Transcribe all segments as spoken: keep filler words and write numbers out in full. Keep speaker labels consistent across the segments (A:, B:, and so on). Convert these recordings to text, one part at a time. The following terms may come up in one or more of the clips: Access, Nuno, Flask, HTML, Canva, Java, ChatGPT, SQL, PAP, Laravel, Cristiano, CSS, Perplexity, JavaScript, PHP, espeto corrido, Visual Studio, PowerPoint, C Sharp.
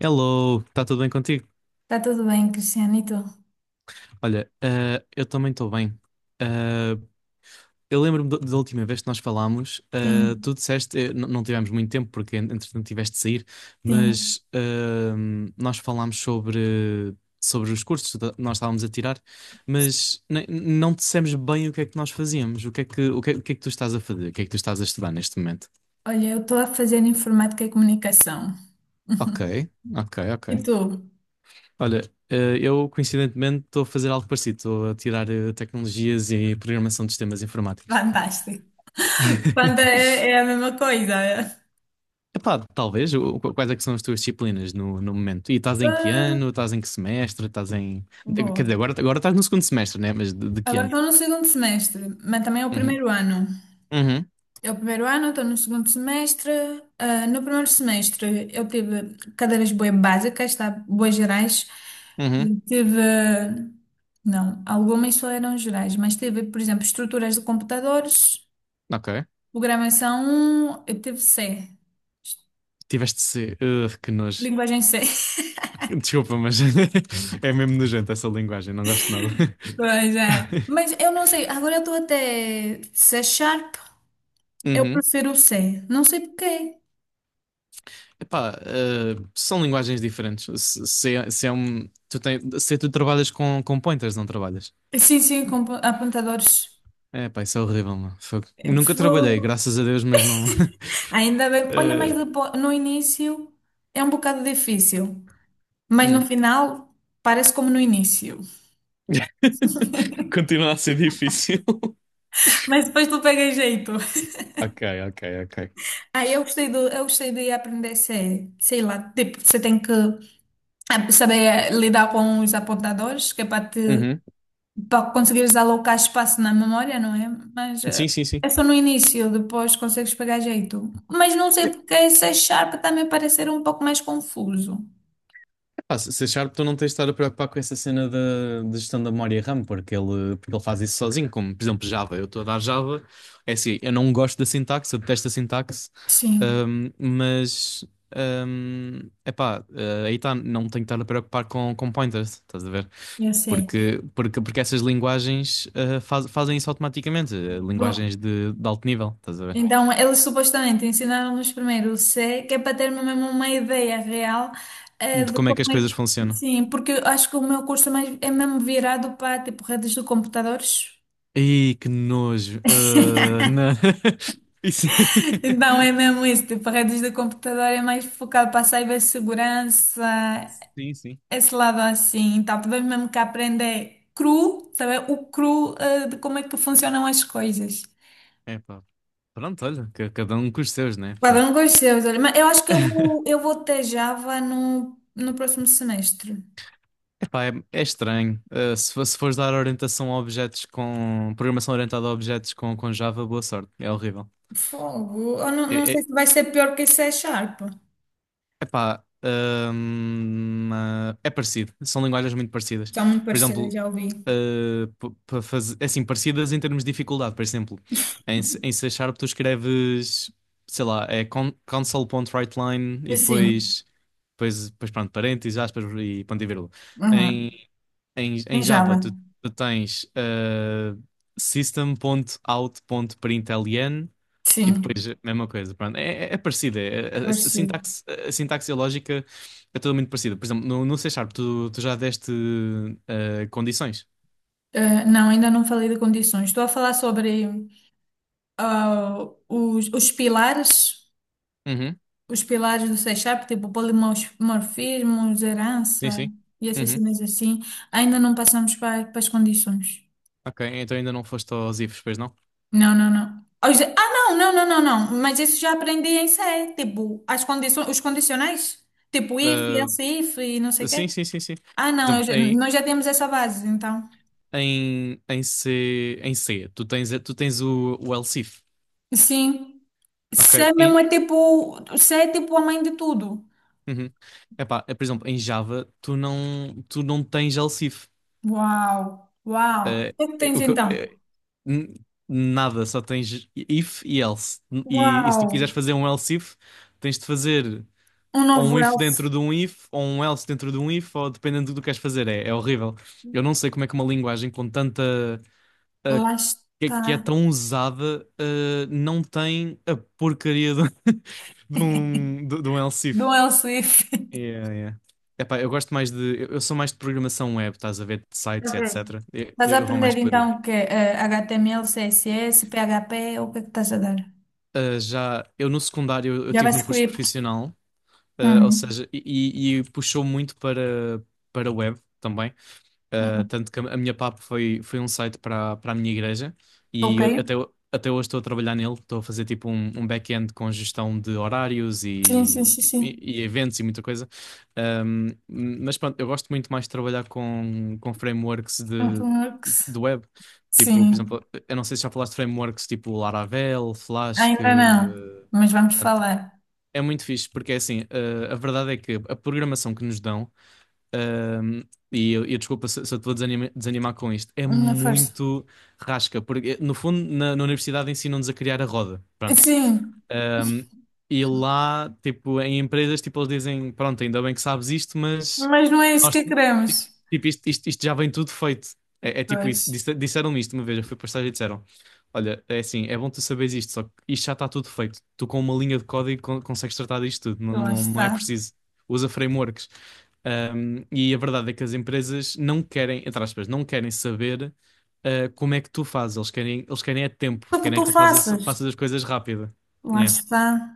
A: Hello, está tudo bem contigo?
B: Tá tudo bem, Cristiano, e tu?
A: Olha, eh, eu também estou bem. Eh, eu lembro-me do- da última vez que nós falámos, eh,
B: Sim,
A: tu disseste, eh, n- não tivemos muito tempo porque en- entretanto tiveste de sair,
B: sim.
A: mas ehm, nós falámos sobre, sobre os cursos que ta- nós estávamos a tirar, mas ne- não dissemos bem o que é que nós fazíamos, o que é que, o que, é o que é que tu estás a fazer, o que é que tu estás a estudar neste momento.
B: Olha, eu estou a fazer informática e comunicação.
A: Ok, ok, ok.
B: E tu?
A: Olha, eh, eu coincidentemente estou a fazer algo parecido, estou a tirar eh, tecnologias e programação de sistemas informáticos.
B: Fantástico. Fanta é, é a mesma coisa, é?
A: Epá, talvez, o- qu- quais é que são as tuas disciplinas no, no momento? E estás em que
B: Ah,
A: ano? Estás em que semestre? Estás em... de- Quer
B: boa.
A: dizer, agora, agora estás no segundo semestre, né? Mas de, de que
B: Agora
A: ano?
B: estou no segundo semestre, mas também é o
A: Uhum,
B: primeiro ano.
A: uhum,
B: É o primeiro ano, estou no segundo semestre. Ah, no primeiro semestre eu tive cadeiras bué básicas, tá? Bué gerais.
A: uhum,
B: Tive, não, algumas só eram gerais, mas tive, por exemplo, estruturas de computadores.
A: ok.
B: Programação, eu teve C.
A: Tiveste C. Ugh, que nojo.
B: Linguagem C.
A: Desculpa, mas é mesmo nojento essa linguagem, não gosto de nada.
B: Pois é. Mas eu não sei, agora eu estou até C Sharp, eu prefiro o C. Não sei porquê.
A: Epá, eh, são linguagens diferentes. Se, se, é se é um, tu tem, se tu trabalhas com, com, pointers, não trabalhas.
B: Sim, sim, com po- apontadores.
A: É, pá, isso é horrível, mano. Fogo. Nunca trabalhei,
B: Fogo.
A: graças a Deus, mas não.
B: Ainda bem. Olha, mas
A: Eh,
B: depois, no início é um bocado difícil. Mas no
A: hum.
B: final parece como no início.
A: Continua a ser difícil.
B: Mas depois tu pega jeito.
A: Ok, ok, ok.
B: Aí eu gostei do, eu gostei de aprender C, sei lá, tipo, você tem que ah, saber lidar com os apontadores, que é para te
A: Uhum.
B: para conseguires alocar espaço na memória, não é? Mas eh,
A: Sim, sim, sim.
B: é só no início, depois consegues pegar jeito. Mas não sei porque esse Sharp também pareceu um pouco mais confuso.
A: Ah, se se achar tu não tens de estar a preocupar com essa cena da de gestão da memória RAM, porque ele, porque ele faz isso sozinho, como por exemplo Java. Eu estou a dar Java, é assim, eu não gosto da sintaxe, eu detesto a sintaxe,
B: Sim,
A: ahm, mas ahm, epá, ah, aí está, não tenho que estar a preocupar com, com pointers, estás a ver?
B: eu sei.
A: Porque, porque, porque essas linguagens ah, faz- fazem isso automaticamente, ah, linguagens
B: Bom,
A: de, de alto nível, estás a ver?
B: então eles supostamente ensinaram-nos primeiro o C, que é para ter mesmo uma ideia real eh,
A: De
B: de
A: como é
B: como
A: que as
B: é
A: coisas
B: que.
A: funcionam.
B: Sim, porque eu acho que o meu curso é, mais, é mesmo virado para tipo redes de computadores.
A: Ih, que nojo. Ah, não. Isso.
B: Então é mesmo isso, tipo, redes de computador é mais focado para a cibersegurança
A: Sim, sim.
B: esse lado assim, então tivemos mesmo que aprender cru, saber o cru eh, de como é que funcionam as coisas.
A: É pá. Pronto, olha, ca- cada um com os seus, né?
B: Cada
A: Pronto.
B: um com os seus, olha, mas eu acho que eu vou, eu vou ter Java no, no próximo semestre.
A: Epá, é, é estranho. Ah, se, fo- se fores dar orientação a objetos com. Programação orientada a objetos com, com Java, boa sorte. É horrível.
B: Fogo, eu não,
A: É,
B: não sei
A: é,
B: se vai ser pior que C Sharp.
A: Epá, hum, ah, é parecido. São linguagens muito parecidas.
B: São muito
A: Por
B: parecidas,
A: exemplo,
B: já ouvi.
A: ah, p- para fazer, é assim, parecidas em termos de dificuldade. Por exemplo, em, C- em C Sharp tu escreves, sei lá, é con console.writeline e
B: Mas sim,
A: depois, depois, depois pronto, parênteses, aspas e ponto e vírgula.
B: uhum.
A: Em, em, em
B: Em
A: Java
B: Java,
A: tu, tu tens ah, system.out.println e
B: sim,
A: depois, eh, mesma coisa, pronto. É, é, é parecida. é- a, a- a
B: parecido.
A: sintaxe, a sintaxe e a lógica é tudo muito parecida. Por exemplo, no, no C Sharp, tu, tu já deste eh, condições?
B: Eh, não, ainda não falei de condições. Estou a falar sobre ah, os, os pilares.
A: Uhum.
B: Os pilares do C Sharp, tipo polimorfismos,
A: Sim,
B: herança
A: sim.
B: e essas
A: Uhum.
B: cenas assim, ainda não passamos para, para as condições.
A: Ok, então ainda não foste aos ifs, pois não?
B: Não, não, não. Ah, Os- Ah, não, não, não, não, não. Mas isso já aprendi em C, tipo, as condições, os condicionais, tipo if, else if e não sei
A: Eh,
B: o quê.
A: sim, sim, sim, sim. Por
B: Ah, não, eu
A: exemplo,
B: já-
A: em,
B: nós já temos essa base, então.
A: em, em C, em C, tu tens, tu tens o, o else if.
B: Sim.
A: Ok.
B: C mesmo
A: Em,
B: é tipo, C é tipo a mãe de tudo.
A: uhum. Epá, é, por exemplo, em Java, tu não, tu não tens else if.
B: Uau, uau. O
A: Eh,
B: que é que
A: eh,
B: tens
A: o que eu-
B: então?
A: eh, n- Nada, só tens if e else. E, e se
B: Uau,
A: tu quiseres fazer um else if, tens de fazer
B: um
A: ou um
B: novo
A: if
B: elfo.
A: dentro de um if, ou um else dentro de um if, ou dependendo do que queres fazer. É, é horrível. Eu não sei como é que uma linguagem com tanta. eh,
B: Lá
A: que, que é
B: está.
A: tão usada, eh, não tem a porcaria de, de um, de, de um else
B: Do
A: if.
B: El Swift.
A: Yeah, yeah. Epá, eu gosto mais de. Eu eu sou mais de programação web, estás a ver, de
B: Tá.
A: sites, et cetera. Eu,
B: Estás a
A: eu vou
B: aprender
A: mais por
B: então
A: aí.
B: o que H T M L, C S S, P H P, o que é que estás a dar?
A: Uh, já eu no secundário eu, eu tive num curso
B: JavaScript.
A: profissional, uh, ou
B: Uhum.
A: seja, e, e- e puxou muito para para web também. Uh,
B: Uhum.
A: tanto que a a minha P A P foi, foi um site para, para, a minha igreja e
B: Ok.
A: eu- até, ho- até hoje estou a trabalhar nele. Estou a fazer tipo um, um back-end com gestão de horários
B: Sim,
A: e,
B: sim, sim,
A: e,
B: sim.
A: e eventos e muita coisa. Um, mas pronto, eu gosto muito mais de trabalhar com, com frameworks de,
B: Frameworks.
A: de web. Tipo, por
B: Sim.
A: exemplo, eu não sei se já falaste de frameworks tipo Laravel, Flask. Que,
B: Ainda não,
A: uh,
B: mas vamos
A: pronto,
B: falar.
A: é muito fixe porque é assim, uh, a verdade é que a programação que nos dão. Um, e eu, eu desculpa se, se eu te vou desanima- desanimar com isto. É
B: Na força.
A: muito rasca, porque no fundo na, na universidade ensinam-nos a criar a roda. Pronto.
B: Sim,
A: Um, e lá, tipo, em empresas, tipo, eles dizem, pronto, ainda bem que sabes isto, mas
B: mas não é isso
A: nós,
B: que
A: tipo,
B: queremos.
A: tipo, isto, isto, isto já vem tudo feito. É, é tipo isso.
B: Pois,
A: Disse- Disseram-me isto uma vez, eu fui para o estágio e disseram, olha, é assim, é bom tu saberes isto, só que isto já está tudo feito. Tu com uma linha de código con- consegues tratar disto tudo, não,
B: lá
A: não, não é
B: está.
A: preciso. Usa frameworks. Um, e a verdade é que as empresas não querem, entre aspas, não querem saber uh, como é que tu fazes. Eles querem, eles querem é tempo,
B: O que
A: querem é
B: tu
A: que tu fazes,
B: faças?
A: faças as coisas rápido.
B: Lá
A: Yeah.
B: está.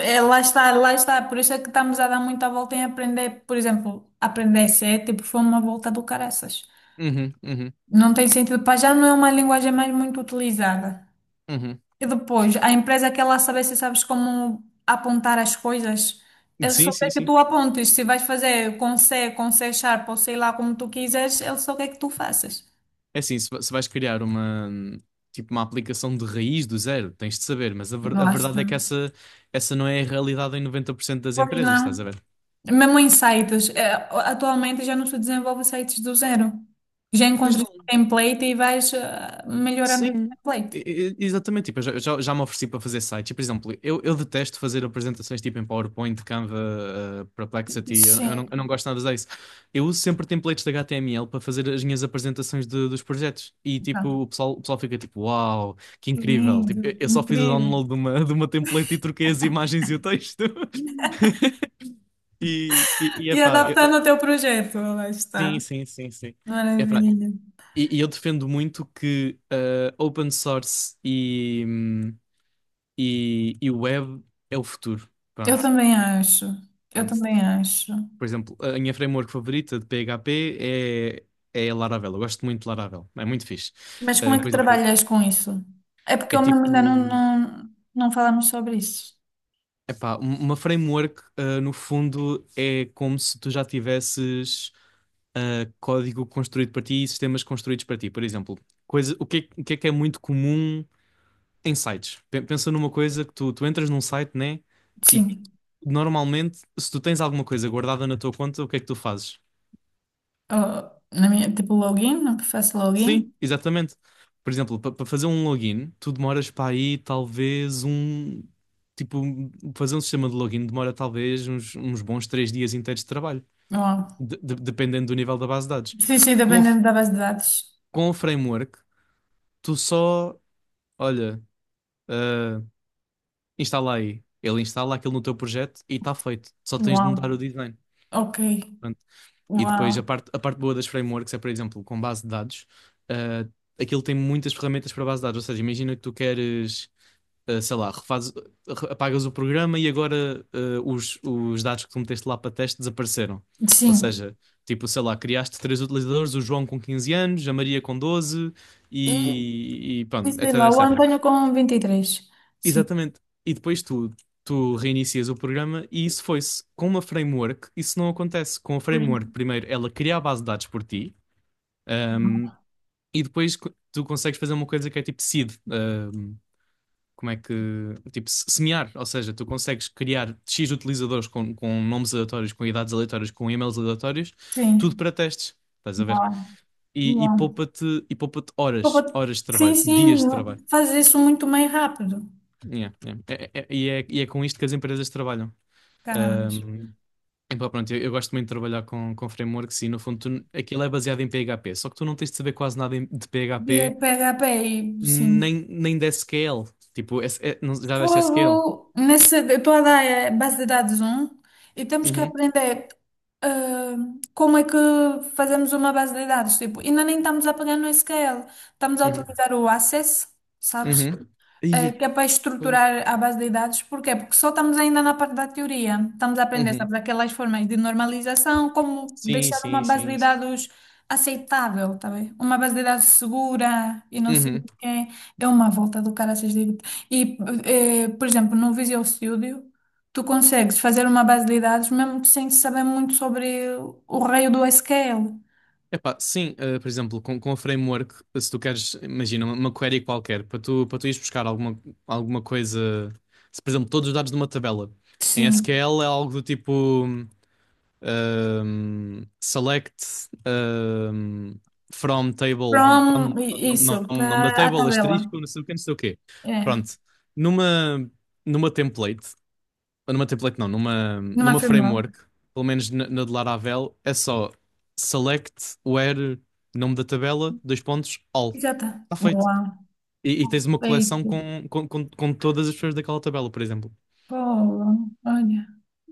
B: É, lá está, lá está. Por isso é que estamos a dar muita volta em aprender, por exemplo, aprender C, tipo, foi uma volta do caraças.
A: Uhum, uhum,
B: Não tem sentido, para já não é uma linguagem mais muito utilizada.
A: uhum.
B: E depois, a empresa quer lá saber se sabes como apontar as coisas. Ele
A: Sim,
B: só
A: sim,
B: quer que
A: sim.
B: tu apontes. Se vais fazer com C, com C Sharp ou sei lá como tu quiseres, ele só quer que tu faças.
A: É assim, se, va- se vais criar uma, hum, tipo, uma aplicação de raiz do zero, tens de saber, mas a, ver- a
B: Lá está.
A: verdade é que essa, essa não é a realidade em noventa por cento das
B: Pois
A: empresas, estás a
B: não.
A: ver?
B: Mesmo em sites, eh, atualmente já não se desenvolve sites do zero. Já
A: Pois
B: encontras um
A: não.
B: template e vais eh, melhorando esse
A: Sim,
B: template.
A: e- e- exatamente. Tipo, eu já, já já me ofereci para fazer sites. E, Por exemplo, eu, eu detesto fazer apresentações tipo em PowerPoint, Canva, eh, Perplexity. Eu, eu não, eu
B: Sim,
A: não gosto nada disso. Eu uso sempre templates de H T M L para fazer as minhas apresentações de- dos projetos. E tipo,
B: tá.
A: o pessoal, o pessoal fica tipo, uau, que
B: Que
A: incrível.
B: lindo,
A: Tipo, eu, eu só fiz o
B: incrível.
A: download de uma, de uma template e troquei as imagens e o texto. E, e, e
B: E
A: epá,
B: adaptando
A: eu-
B: ao teu projeto, lá
A: sim,
B: está.
A: sim, sim, sim. Epá,
B: Maravilha.
A: e, e eu defendo muito que ah, open source e, hum, e, e web é o futuro.
B: Eu
A: Pronto.
B: também acho, eu
A: Pronto.
B: também acho.
A: Por exemplo, a minha framework favorita de P H P é, é a Laravel. Eu gosto muito de Laravel. É muito fixe.
B: Mas como
A: Ah,
B: é
A: por
B: que
A: exemplo,
B: trabalhas com isso? É porque
A: é
B: eu mesmo ainda não,
A: tipo.
B: não, não falamos sobre isso.
A: Epá, um- uma framework, ah, no fundo, é como se tu já tivesses ah, código construído para ti e sistemas construídos para ti. Por exemplo, coisa, o que é, o que é que é muito comum? Em sites. Pe- Pensa numa coisa que tu, tu entras num site, né? E
B: Sim.
A: normalmente, se tu tens alguma coisa guardada na tua conta, o que é que tu fazes?
B: Eu, na minha, tipo, login, faço login.
A: Sim, exatamente. Por exemplo, para fazer um login, tu demoras para aí talvez um. Tipo, fazer um sistema de login demora talvez uns, uns bons três dias inteiros de trabalho,
B: Oh.
A: de- de- dependendo do nível da base de dados.
B: Sim, sim,
A: Com, o f-
B: dependendo da base de dados.
A: com o framework, tu só, olha, ah, instala aí. Ele instala aquilo no teu projeto e está feito. Só tens de
B: Uau,
A: mudar o design.
B: ok,
A: Pronto. E
B: uau,
A: depois a parte, a parte boa das frameworks é, por exemplo, com base de dados, ah, aquilo tem muitas ferramentas para base de dados. Ou seja, imagina que tu queres, ah, sei lá, refazes, re- apagas o programa e agora ah, os, os dados que tu meteste lá para teste desapareceram. Ou
B: sim.
A: seja, tipo, sei lá, criaste três utilizadores, o João com quinze anos, a Maria com doze
B: E,
A: e, e
B: e
A: pronto,
B: sei
A: etc,
B: lá, o
A: et cetera.
B: Antônio com vinte e três, sim.
A: Exatamente. E depois tu, tu reinicias o programa e isso foi-se. Com uma framework, isso não acontece. Com a framework,
B: Pois-
A: primeiro ela cria a base de dados por ti, ahm, e depois co- tu consegues fazer uma coisa que é tipo seed. Ahm, como é que. Tipo, se- semear. Ou seja, tu consegues criar X utilizadores com, com, nomes aleatórios, com idades aleatórias, com e-mails aleatórios, tudo
B: Sim,
A: para testes. Estás a ver?
B: uau,
A: E, e
B: uau.
A: poupa-te e poupa-te
B: Pô, pô,
A: horas, horas de
B: sim,
A: trabalho, dias de
B: sim,
A: trabalho.
B: faz isso muito mais rápido.
A: Yeah, yeah. É- é- é- e, é, e é com isto que as empresas trabalham.
B: Caramba.
A: Um, Epá, pronto, eu, eu gosto muito de trabalhar com, com, frameworks e no fundo tu- aquilo é baseado em P H P, só que tu não tens de saber quase nada em- de
B: E é
A: P H P
B: P H P, e sim.
A: nem, nem de sequel. Tipo, S- é- não- já deste sequel?
B: Fogo nessa tua ideia é base de dados um e temos que
A: Uhum,
B: aprender ah, como é que fazemos uma base de dados. Tipo, ainda nem estamos a pegar no S Q L, estamos a
A: uhum,
B: utilizar o Access, sabes?
A: uhum.
B: Eh,
A: Ia-
B: que é para estruturar à base de dados, porquê? Porque só estamos ainda na parte da teoria. Estamos a aprender,
A: Uhum.
B: sabes, aquelas formas de normalização, como
A: Sim,
B: deixar uma
A: sim,
B: base de
A: sim, sim.
B: dados aceitável, tá bem? Uma base de dados segura e não sei
A: Uhum.
B: o quê. É uma volta do caraças, digo. E, eh, por exemplo, no Visual Studio, tu consegues fazer uma base de dados mesmo sem saber muito sobre o raio do S Q L.
A: Epá, sim, eh, por exemplo, com, com o framework, se tu queres, imagina, uma, uma query qualquer, para tu, para tu ires buscar alguma, alguma coisa, se, por exemplo, todos os dados de uma tabela, em
B: Sim.
A: S Q L é algo do tipo. Um, select um, from table,
B: From,
A: pronto,
B: i- isso,
A: nome, nome da
B: para a
A: table,
B: tabela.
A: asterisco, não sei o quê, não sei o quê.
B: É,
A: Pronto, numa, numa template, numa template não, numa,
B: numa
A: numa
B: framework.
A: framework, pelo menos na, na de Laravel, é só select where, nome da tabela, dois pontos, all.
B: Exato.
A: Está feito.
B: Boa.
A: E, e tens uma
B: É
A: coleção
B: isso.
A: com, com, com, com todas as pessoas daquela tabela, por exemplo.
B: Pô, olha.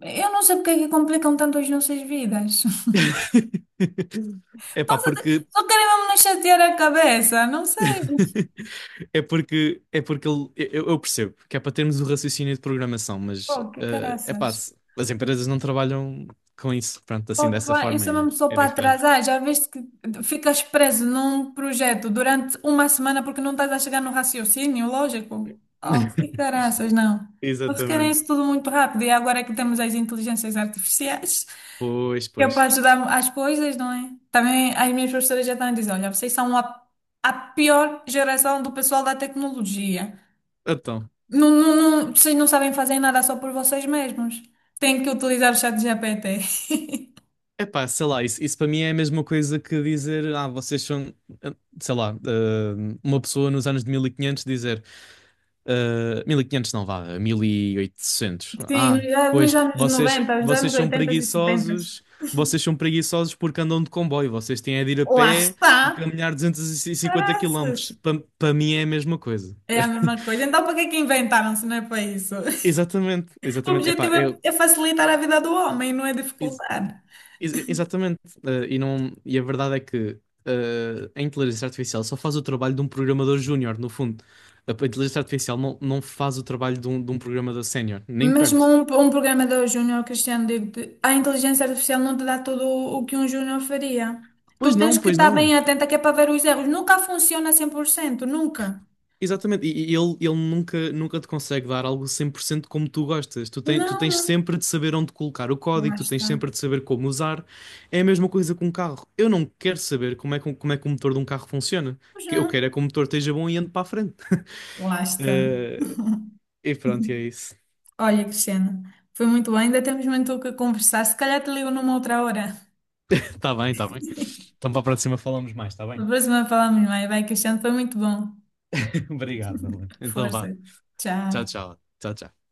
B: Eu não sei porque é que complicam tanto as nossas vidas.
A: é Epá,
B: Passa-
A: porque
B: Só querem mesmo nos chatear a cabeça. Não sei.
A: É porque, é porque ele, eu, eu percebo que é para termos o raciocínio de programação, mas
B: Pô, que
A: eh, é
B: caraças.
A: pá, se- as empresas não trabalham com isso. Pronto, assim dessa
B: Opa, eu
A: forma
B: sou
A: é,
B: mesmo só
A: é
B: para
A: diferente.
B: atrasar. Já viste que ficas preso num projeto durante uma semana porque não estás a chegar no raciocínio lógico? Oh, que caraças, não. Eles querem
A: Exatamente.
B: isso tudo muito rápido e agora é que temos as inteligências artificiais,
A: Pois,
B: que é para
A: pois.
B: ajudar as coisas, não é? Também as minhas professoras já estão a dizer, olha, vocês são a, a pior geração do pessoal da tecnologia.
A: Então,
B: Não, não, não, vocês não sabem fazer nada só por vocês mesmos. Têm que utilizar o chat G P T.
A: é pá, sei lá, isso, isso para mim é a mesma coisa que dizer, ah, vocês são, eh, sei lá, eh, uma pessoa nos anos de mil e quinhentos dizer. Uh, mil e quinhentos não vá, mil e oitocentos.
B: Sim,
A: Ah,
B: já nos
A: pois,
B: anos
A: vocês,
B: noventa, os anos
A: vocês são
B: oitenta e setenta.
A: preguiçosos, vocês são preguiçosos porque andam de comboio, vocês têm é de ir a
B: Lá
A: pé e
B: está.
A: caminhar duzentos e cinquenta quilómetros.
B: Caraças.
A: Para mim é a mesma coisa.
B: É a mesma coisa. Então, para que é que inventaram se não é para isso?
A: Exatamente,
B: O
A: exatamente. Epá,
B: objetivo é,
A: eu,
B: é facilitar a vida do homem, não é
A: ex-
B: dificultar.
A: ex- exatamente. Uh, e, não, e a verdade é que uh, a inteligência artificial só faz o trabalho de um programador júnior, no fundo. A inteligência artificial não, não faz o trabalho de um, de um programador sénior, nem
B: Mesmo
A: perto.
B: um, um programador júnior, Cristiano, digo-te, a inteligência artificial não te dá tudo o o que um júnior faria. Tu
A: Pois
B: tens
A: não,
B: que
A: pois
B: estar bem
A: não.
B: atenta que é para ver os erros. Nunca funciona cem por cento nunca.
A: Exatamente, e e ele, ele nunca, nunca te consegue dar algo cem por cento como tu gostas. Tu, tem, tu
B: Não,
A: tens
B: não.
A: sempre de saber onde colocar o código,
B: Lá
A: tu tens
B: está.
A: sempre de saber como usar. É a mesma coisa com um carro. Eu não quero saber como é que, um- como é que o motor de um carro funciona.
B: Pois
A: O que Eu
B: não.
A: quero é que o motor esteja bom e ande para a frente.
B: Lá está.
A: Eh, e pronto, e é isso.
B: Olha, Cristiano, foi muito bom. Ainda temos muito o que conversar. Se calhar te ligo numa outra hora.
A: Tá bem, tá bem. Então para a próxima falamos mais, tá
B: Na
A: bem?
B: próxima falamos mais. Vai, Cristiano, foi muito bom.
A: Obrigado, Nuno. Então vá.
B: Força.
A: Tchau,
B: Tchau.
A: tchau. Tchau, tchau.